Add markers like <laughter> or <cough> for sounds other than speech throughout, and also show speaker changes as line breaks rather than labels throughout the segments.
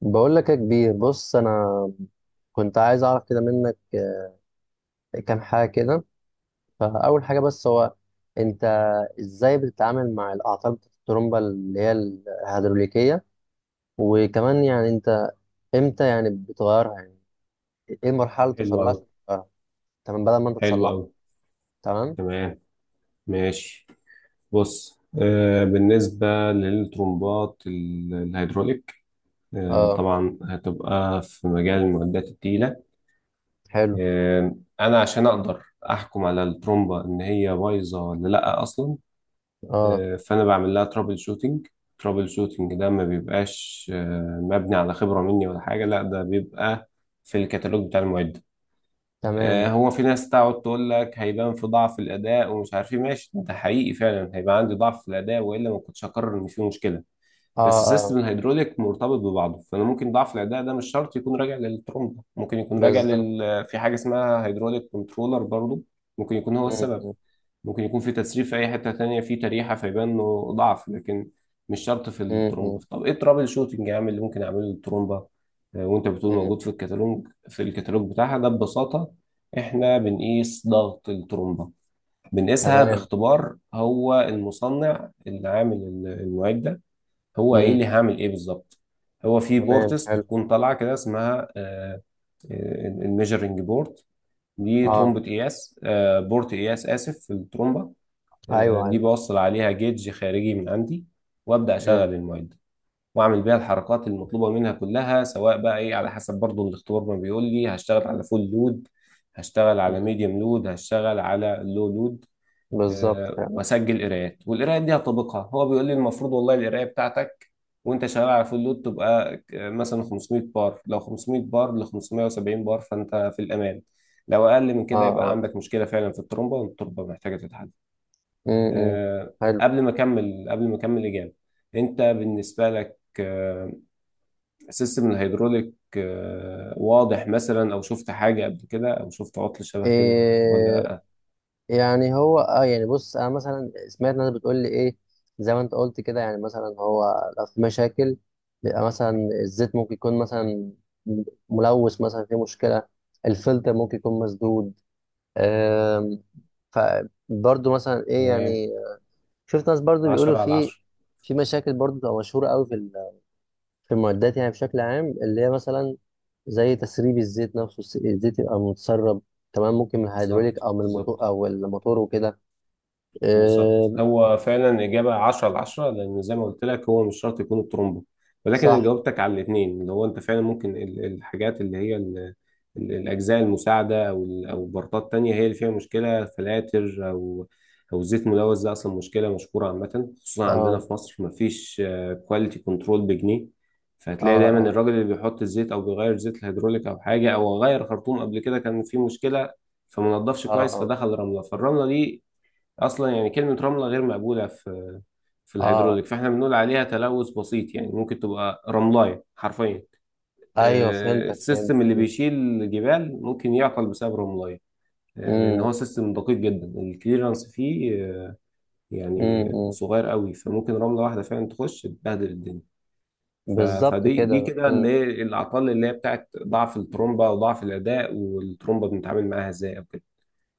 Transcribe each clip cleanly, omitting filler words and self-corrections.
بقول لك يا كبير، بص انا كنت عايز اعرف كده منك كام حاجه كده. فاول حاجه بس هو انت ازاي بتتعامل مع الاعطال بتاعت الترومبه اللي هي الهيدروليكيه؟ وكمان يعني انت امتى يعني بتغيرها؟ يعني ايه المرحله اللي توصل
حلو
لها
أوي.
عشان تغيرها؟ تمام، بدل ما انت
حلو
تصلحها.
أوي.
تمام.
تمام. ماشي. بص، بالنسبة للترمبات الهيدروليك،
اه.
طبعا هتبقى في مجال المعدات التقيلة.
حلو.
أنا عشان أقدر أحكم على الترمبة إن هي بايظة ولا لأ أصلا،
اه.
فأنا بعمل لها ترابل شوتينج. ترابل شوتينج ده ما بيبقاش مبني على خبرة مني ولا حاجة، لأ، ده بيبقى في الكتالوج بتاع المعدة.
تمام.
هو في ناس تقعد تقول لك هيبان في ضعف الاداء ومش عارف ايه، ماشي ده حقيقي، فعلا هيبقى عندي ضعف في الاداء والا ما كنتش هقرر ان في مشكله.
اه.
بس
اه.
سيستم الهيدروليك مرتبط ببعضه، فانا ممكن ضعف الاداء ده مش شرط يكون راجع للترومبه، ممكن يكون راجع
بالظبط.
في حاجه اسمها هيدروليك كنترولر، برضه ممكن يكون هو
م-
السبب.
م-
ممكن يكون في تسريب في اي حته تانية في تريحه فيبان انه ضعف، لكن مش شرط في
م- م-
الترومبه. طب ايه الترابل شوتنج يا عم اللي ممكن اعمله للترومبه؟ وانت بتقول
م.
موجود في الكتالوج، في الكتالوج بتاعها، ده ببساطه احنا بنقيس ضغط الترومبه. بنقيسها
تمام.
باختبار، هو المصنع اللي عامل المعده ده هو قايل
م.
لي هعمل ايه بالظبط. هو في
تمام.
بورتس
حلو.
بتكون طالعه كده اسمها الميجرنج بورد، دي
اه.
ترومبه قياس، بورت قياس اسف، في الترومبه.
ايوه.
دي
ايوه.
بوصل عليها جيج خارجي من عندي، وابدا
م-
اشغل المعده واعمل بيها الحركات المطلوبه منها كلها، سواء بقى ايه على حسب برضو الاختبار ما بيقول لي، هشتغل على فول لود، هشتغل على
م.
ميديوم لود، هشتغل على لو لود.
بالظبط، فعلا.
واسجل قراءات، والقراءات دي هطبقها. هو بيقول لي المفروض والله القرايه بتاعتك وانت شغال على فول لود تبقى مثلا 500 بار، لو 500 بار ل 570 بار فانت في الامان، لو اقل من
اه.
كده يبقى
اه.
عندك مشكله فعلا في الترومبه والترومبه محتاجه تتحل.
امم. إمم.
آه،
حلو.
قبل ما اكمل، قبل ما اكمل اجابه، انت بالنسبه لك سيستم الهيدروليك واضح مثلا؟ او شفت حاجه قبل كده او شفت عطل شبه كده ولا
إيه.
لا؟
يعني هو يعني بص انا مثلا سمعت ناس بتقول لي ايه. زي ما انت قلت كده، يعني مثلا هو لو في مشاكل بيبقى مثلا الزيت ممكن يكون مثلا ملوث، مثلا في مشكله، الفلتر ممكن يكون مسدود، آم، فبرضه مثلا ايه
تمام.
يعني. شفت ناس برضه بيقولوا
10 على
في
10.
في مشاكل برضه بتبقى مشهوره قوي في المعدات، يعني بشكل عام اللي هي مثلا زي تسريب الزيت نفسه، الزيت يبقى متسرب، تمام، ممكن من الهيدروليك
بالظبط،
او من الموتور
بالظبط.
او الموتور وكده.
بالظبط،
إيه.
هو فعلا إجابة 10 على 10، لأن زي ما قلت لك هو مش شرط يكون الترومبو، ولكن أنا
صح.
جاوبتك على الاتنين، اللي هو أنت فعلا ممكن الحاجات اللي هي الأجزاء المساعدة أو أو بارتات تانية هي اللي فيها مشكلة، فلاتر أو أو زيت ملوث. ده أصلا مشكلة مشهورة عامة، خصوصا عندنا
اه.
في مصر مفيش كواليتي كنترول بجنيه،
اه.
فهتلاقي دايما
اه.
الراجل اللي بيحط الزيت أو بيغير زيت الهيدروليك أو حاجة، أو غير خرطوم قبل كده كان فيه مشكلة فما نضفش
اه.
كويس
اه.
فدخل رملة، فالرملة دي اصلا، يعني كلمه رمله غير مقبوله في في
اه.
الهيدروليك، فاحنا بنقول عليها تلوث بسيط، يعني ممكن تبقى رملايه حرفيا.
ايوه، فهمتك،
السيستم اللي
فهمتك.
بيشيل الجبال ممكن يعطل بسبب رملايه، لان
امم.
هو سيستم دقيق جدا، الكليرنس فيه يعني
امم.
صغير قوي، فممكن رمله واحده فعلا تخش تبهدل الدنيا.
بالظبط
فدي، دي
كده.
كده
امم.
اللي هي الاعطال اللي هي بتاعت ضعف الترومبه وضعف الاداء، والترومبه بنتعامل معاها ازاي او كده.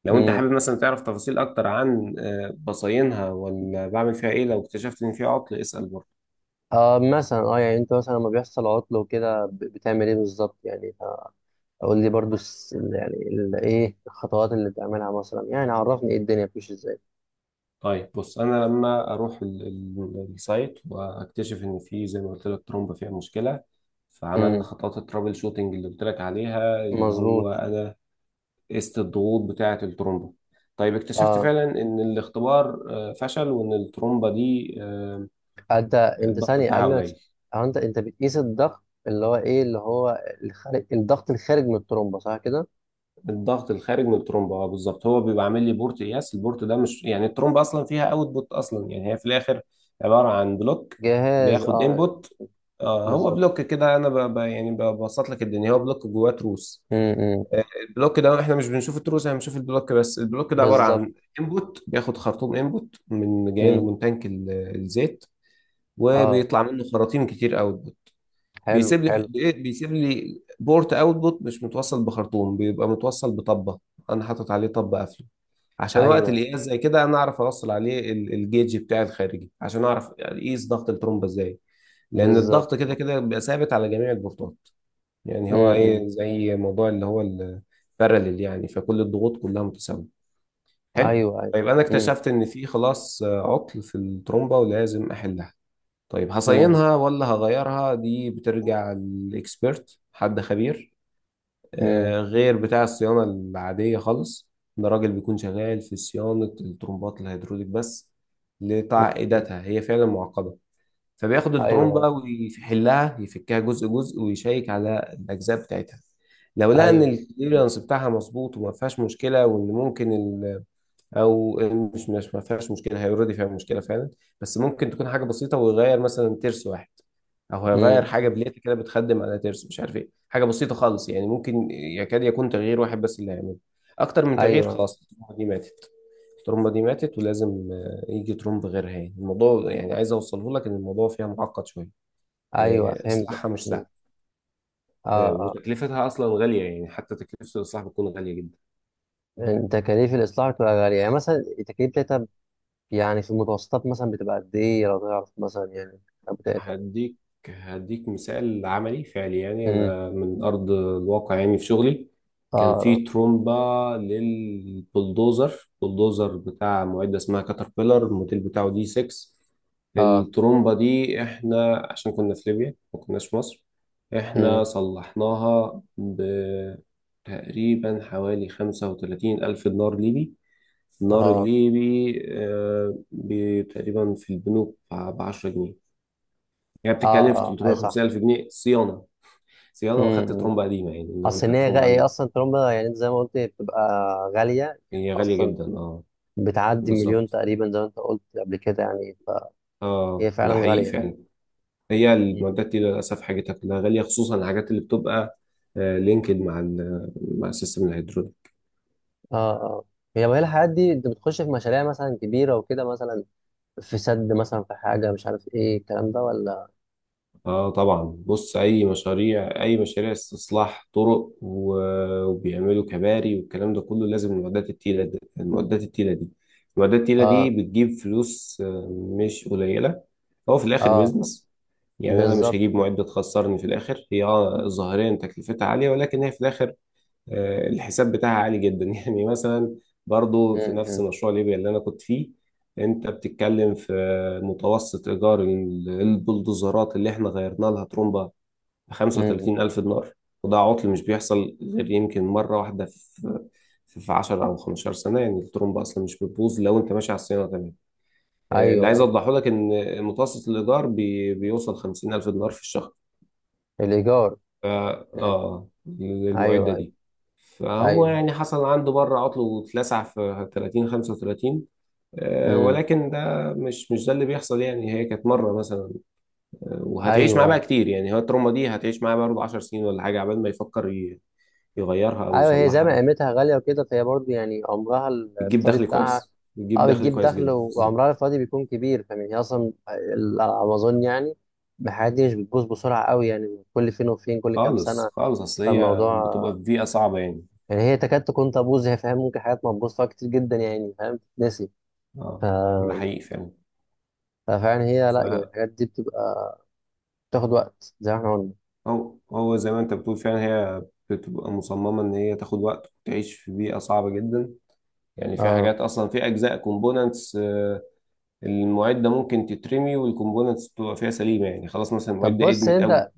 لو انت
امم.
حابب مثلا تعرف تفاصيل اكتر عن بصاينها ولا بعمل فيها ايه لو اكتشفت ان فيها عطل، اسأل برضه.
مثلا يعني انت مثلا لما بيحصل عطل وكده بتعمل ايه بالظبط يعني؟ قول لي برضو، يعني ايه الخطوات اللي بتعملها مثلا؟ يعني عرفني ايه الدنيا بتمشي
طيب بص، انا لما اروح السايت واكتشف ان في، زي ما قلت لك، ترومبه فيها مشكله، فعملنا
ازاي.
خطوات الترابل شوتنج اللي قلت لك عليها، اللي هو
مظبوط.
انا قست الضغوط بتاعه الترومبه. طيب اكتشفت
اه.
فعلا ان الاختبار فشل وان الترومبه دي
انت،
الضغط
ثانية
بتاعها
قبل ما
قليل.
انت بتقيس الضغط، اللي هو ايه، اللي هو الخارج، الضغط الخارج من الترومبة، صح كده؟
الضغط الخارج من الترومبه، اه بالظبط، هو بيبقى عامل لي بورت قياس، البورت ده مش يعني الترومبه اصلا فيها اوتبوت، اصلا يعني هي في الاخر عباره عن بلوك
جهاز.
بياخد
اه.
انبوت. آه، هو
بالظبط.
بلوك كده، انا يعني ببسط لك الدنيا، هو بلوك جواه تروس.
امم.
البلوك ده احنا مش بنشوف التروس، احنا بنشوف البلوك بس. البلوك ده عباره
بالظبط.
عن انبوت، بياخد خرطوم انبوت من جاي له
امم.
من تانك الزيت،
اه.
وبيطلع منه خراطيم كتير قوي.
حلو،
بيسيب لي،
حلو.
بيسيب لي بورت اوتبوت مش متوصل بخرطوم، بيبقى متوصل بطبه انا حاطط عليه، طب قافله، عشان وقت
ايوه.
القياس زي كده انا اعرف اوصل عليه الجيج بتاعي الخارجي عشان اعرف اقيس ضغط الترومبه ازاي، لان الضغط كده
بالظبط.
كده بيبقى ثابت على جميع البورتات. يعني هو
امم.
ايه، زي موضوع اللي هو الباراليل يعني، فكل الضغوط كلها متساويه. حلو.
ايوه، ايوه.
فيبقى انا
امم.
اكتشفت ان في خلاص عطل في الترومبه ولازم احلها. طيب
امم.
هصينها ولا هغيرها؟ دي بترجع للاكسبيرت، حد خبير
امم.
غير بتاع الصيانة العادية خالص. ده راجل بيكون شغال في صيانة الترمبات الهيدروليك بس، لتعقيداتها، هي فعلا معقدة. فبياخد
ايوه،
الترمبة ويحلها، يفكها جزء جزء، ويشيك على الأجزاء بتاعتها. لو لقى إن
ايوه.
الكليرنس بتاعها مظبوط وما فيهاش مشكلة، وإن ممكن او مش مش ما فيهاش مشكله، هي اوريدي فيها مشكله فعلا، بس ممكن تكون حاجه بسيطه، ويغير مثلا ترس واحد، او هيغير
امم.
حاجه بليت كده بتخدم على ترس، مش عارف ايه، حاجه بسيطه خالص، يعني ممكن يكاد يكون تغيير واحد بس اللي هيعمله. اكتر من تغيير،
ايوه،
خلاص الترومبه دي ماتت. الترومبه دي ماتت ولازم يجي ترومب غيرها. يعني الموضوع، يعني عايز اوصله لك ان الموضوع فيها معقد شويه،
ايوه، فهمتك.
اصلاحها مش
مم.
سهل،
اه. اه.
وتكلفتها اصلا غاليه، يعني حتى تكلفه الاصلاح بتكون غاليه جدا.
إن تكاليف الاصلاح بتبقى غاليه، يعني مثلا التكاليف بتاعتها، يعني في المتوسطات مثلا بتبقى قد ايه، لو تعرف مثلا، يعني الامتحانات بتاعتها يعني.
هديك هديك مثال عملي فعلي، يعني
امم.
انا من ارض الواقع، يعني في شغلي كان
اه.
في ترومبا للبلدوزر، بلدوزر بتاع معدة اسمها كاتربيلر، الموديل بتاعه دي 6.
اه.
الترومبا دي احنا، عشان كنا في ليبيا ما كناش في مصر، احنا
امم.
صلحناها بتقريبا حوالي خمسة وتلاتين ألف دينار ليبي. النار
اه.
الليبي تقريبا في البنوك بعشرة جنيه، يعني بتتكلم
اه.
في
اه. اي. صح.
350 الف جنيه صيانه. صيانه، واخدت
امم.
ترومبه قديمه. يعني لو
اصل
انت
إن هي
الترومبه
هي
عندك،
اصلا ترومبا، يعني أنت زي ما قلت هي بتبقى غاليه يعني،
هي غاليه
اصلا
جدا، اه
بتعدي مليون
بالظبط.
تقريبا، زي ما انت قلت قبل كده يعني، فهي
اه،
فعلا
ده حقيقي
غاليه.
فعلا، هي
مم.
المعدات دي للاسف حاجتها كلها غاليه، خصوصا الحاجات اللي بتبقى آه لينكد مع ال مع السيستم الهيدروليك.
اه. اه. هي بقى الحاجات دي، انت بتخش في مشاريع مثلا كبيره وكده، مثلا في سد، مثلا في حاجه مش عارف ايه الكلام ده، ولا؟
اه طبعا، بص، اي مشاريع، اي مشاريع استصلاح طرق، وبيعملوا كباري والكلام ده كله، لازم المعدات التقيله دي، المعدات التقيله دي، المعدات التقيله دي
اه.
بتجيب فلوس مش قليله. هو في
اه.
الاخر
آه.
بيزنس، يعني انا مش
بالظبط.
هجيب معده تخسرني في الاخر. هي اه ظاهريا تكلفتها عاليه، ولكن هي في الاخر الحساب بتاعها عالي جدا. <laughs> يعني مثلا برضو في
مم،
نفس
مم،
مشروع ليبيا اللي انا كنت فيه، انت بتتكلم في متوسط ايجار البلدوزرات اللي احنا غيرنا لها ترومبا ب
مم.
35 الف دينار. وده عطل مش بيحصل غير يمكن مره واحده في 10 او 15 سنه، يعني الترومبا اصلا مش بتبوظ لو انت ماشي على الصيانه تمام. اللي
ايوه،
عايز
ايوه،
اوضحه لك ان متوسط الايجار بيوصل 50,000 دينار في الشهر
الايجار.
ف
مم.
اه للمعدة
ايوه، ايوه،
دي. فهو
ايوه، ايوه.
يعني حصل عنده مرة عطل واتلسع في 30 35،
مم.
ولكن ده مش مش ده اللي بيحصل، يعني هي كانت مرة مثلا، وهتعيش معاه
ايوه،
بقى
ايوه،
كتير، يعني هو التروما دي هتعيش معاه برضه 10 سنين ولا حاجة عبال ما يفكر يغيرها أو
ايوه. هي زي
يصلحها
ما
أو كده.
قيمتها غاليه وكده، فهي برضه يعني عمرها
بتجيب
الافتراضي
دخل
بتاعها.
كويس، بتجيب
اه،
دخل
بتجيب
كويس
دخل،
جدا،
وعمرها
بالظبط.
الافتراضي بيكون كبير، فمن هي اصلا على ما اظن يعني الحاجات دي مش بتبوظ بسرعه قوي، يعني كل فين وفين، كل كام سنه.
خالص خالص، أصل هي بتبقى
فالموضوع
في بيئة صعبة يعني.
يعني هي تكاد تكون تبوظ، هي فاهم، ممكن حاجات ما تبوظ فيها كتير جدا، يعني فاهم تتنسي ف...
اه ده حقيقي فعلا.
ففعلا هي،
ف
لا يعني الحاجات دي بتبقى بتاخد وقت زي ما احنا قلنا.
هو زي ما انت بتقول فعلا، هي بتبقى مصممة ان هي تاخد وقت وتعيش في بيئة صعبة جدا. يعني في
اه،
حاجات اصلا، في اجزاء كومبوننتس المعدة ممكن تترمي والكومبوننتس تبقى فيها سليمة، يعني خلاص مثلا
طب
المعدة
بص
ادمت قوي.
انت،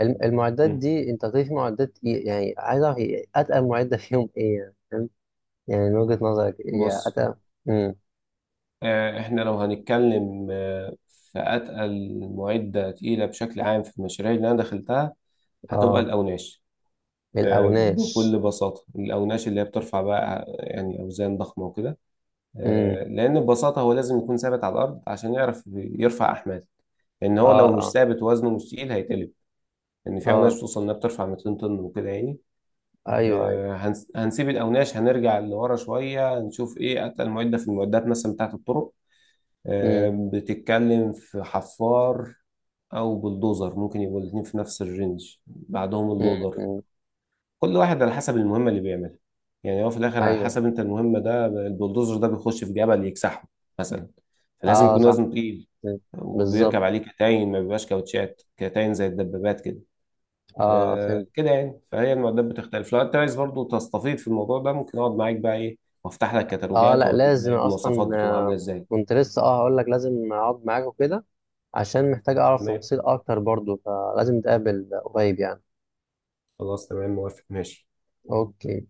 المعدات
مم.
دي انت هتلاقي في معدات ايه؟ يعني عايز اعرف ايه اتقل معدة فيهم ايه يعني، فاهم؟ يعني من وجهة نظرك ايه يعني
بص،
اتقل؟ امم.
احنا لو هنتكلم في اتقل معدة تقيلة بشكل عام في المشاريع اللي انا دخلتها، هتبقى
اه.
الاوناش.
الاوناش.
بكل بساطة الاوناش اللي هي بترفع بقى يعني اوزان ضخمة وكده،
امم.
لان ببساطه هو لازم يكون ثابت على الارض عشان يعرف يرفع احمال، لان هو لو مش
اه. اه.
ثابت وزنه مش تقيل هيتقلب، لان في
اه.
اوناش توصل انها بترفع 200 طن وكده يعني.
ايوه، ايوه.
هنسيب الاوناش، هنرجع لورا شويه نشوف ايه اتقل معده في المعدات مثلا بتاعه الطرق.
امم.
بتتكلم في حفار او بلدوزر، ممكن يبقوا الاثنين في نفس الرينج، بعدهم
امم.
اللودر.
أمم.
كل واحد على حسب المهمة اللي بيعملها، يعني هو في الآخر على حسب
ايوه.
أنت المهمة، ده البلدوزر ده بيخش في جبل يكسحه مثلا، فلازم
اه.
يكون
صح.
وزنه تقيل،
أمم. بالظبط.
وبيركب عليه كتاين، ما بيبقاش كاوتشات، كتاين زي الدبابات كده.
اه،
آه
فهمت.
كده يعني، فهي المعدات بتختلف. لو أنت عايز برضه تستفيض في الموضوع ده، ممكن أقعد معاك بقى إيه وأفتح لك
اه،
كتالوجات
لا،
وأوريك بقى
لازم
إيه
اصلا،
المواصفات بتبقى عاملة إزاي.
كنت لسه هقول لك لازم اقعد معاك وكده، عشان محتاج اعرف
تمام.
تفاصيل اكتر برضو، فلازم نتقابل قريب يعني.
خلاص، تمام، موافق. ماشي.
اوكي.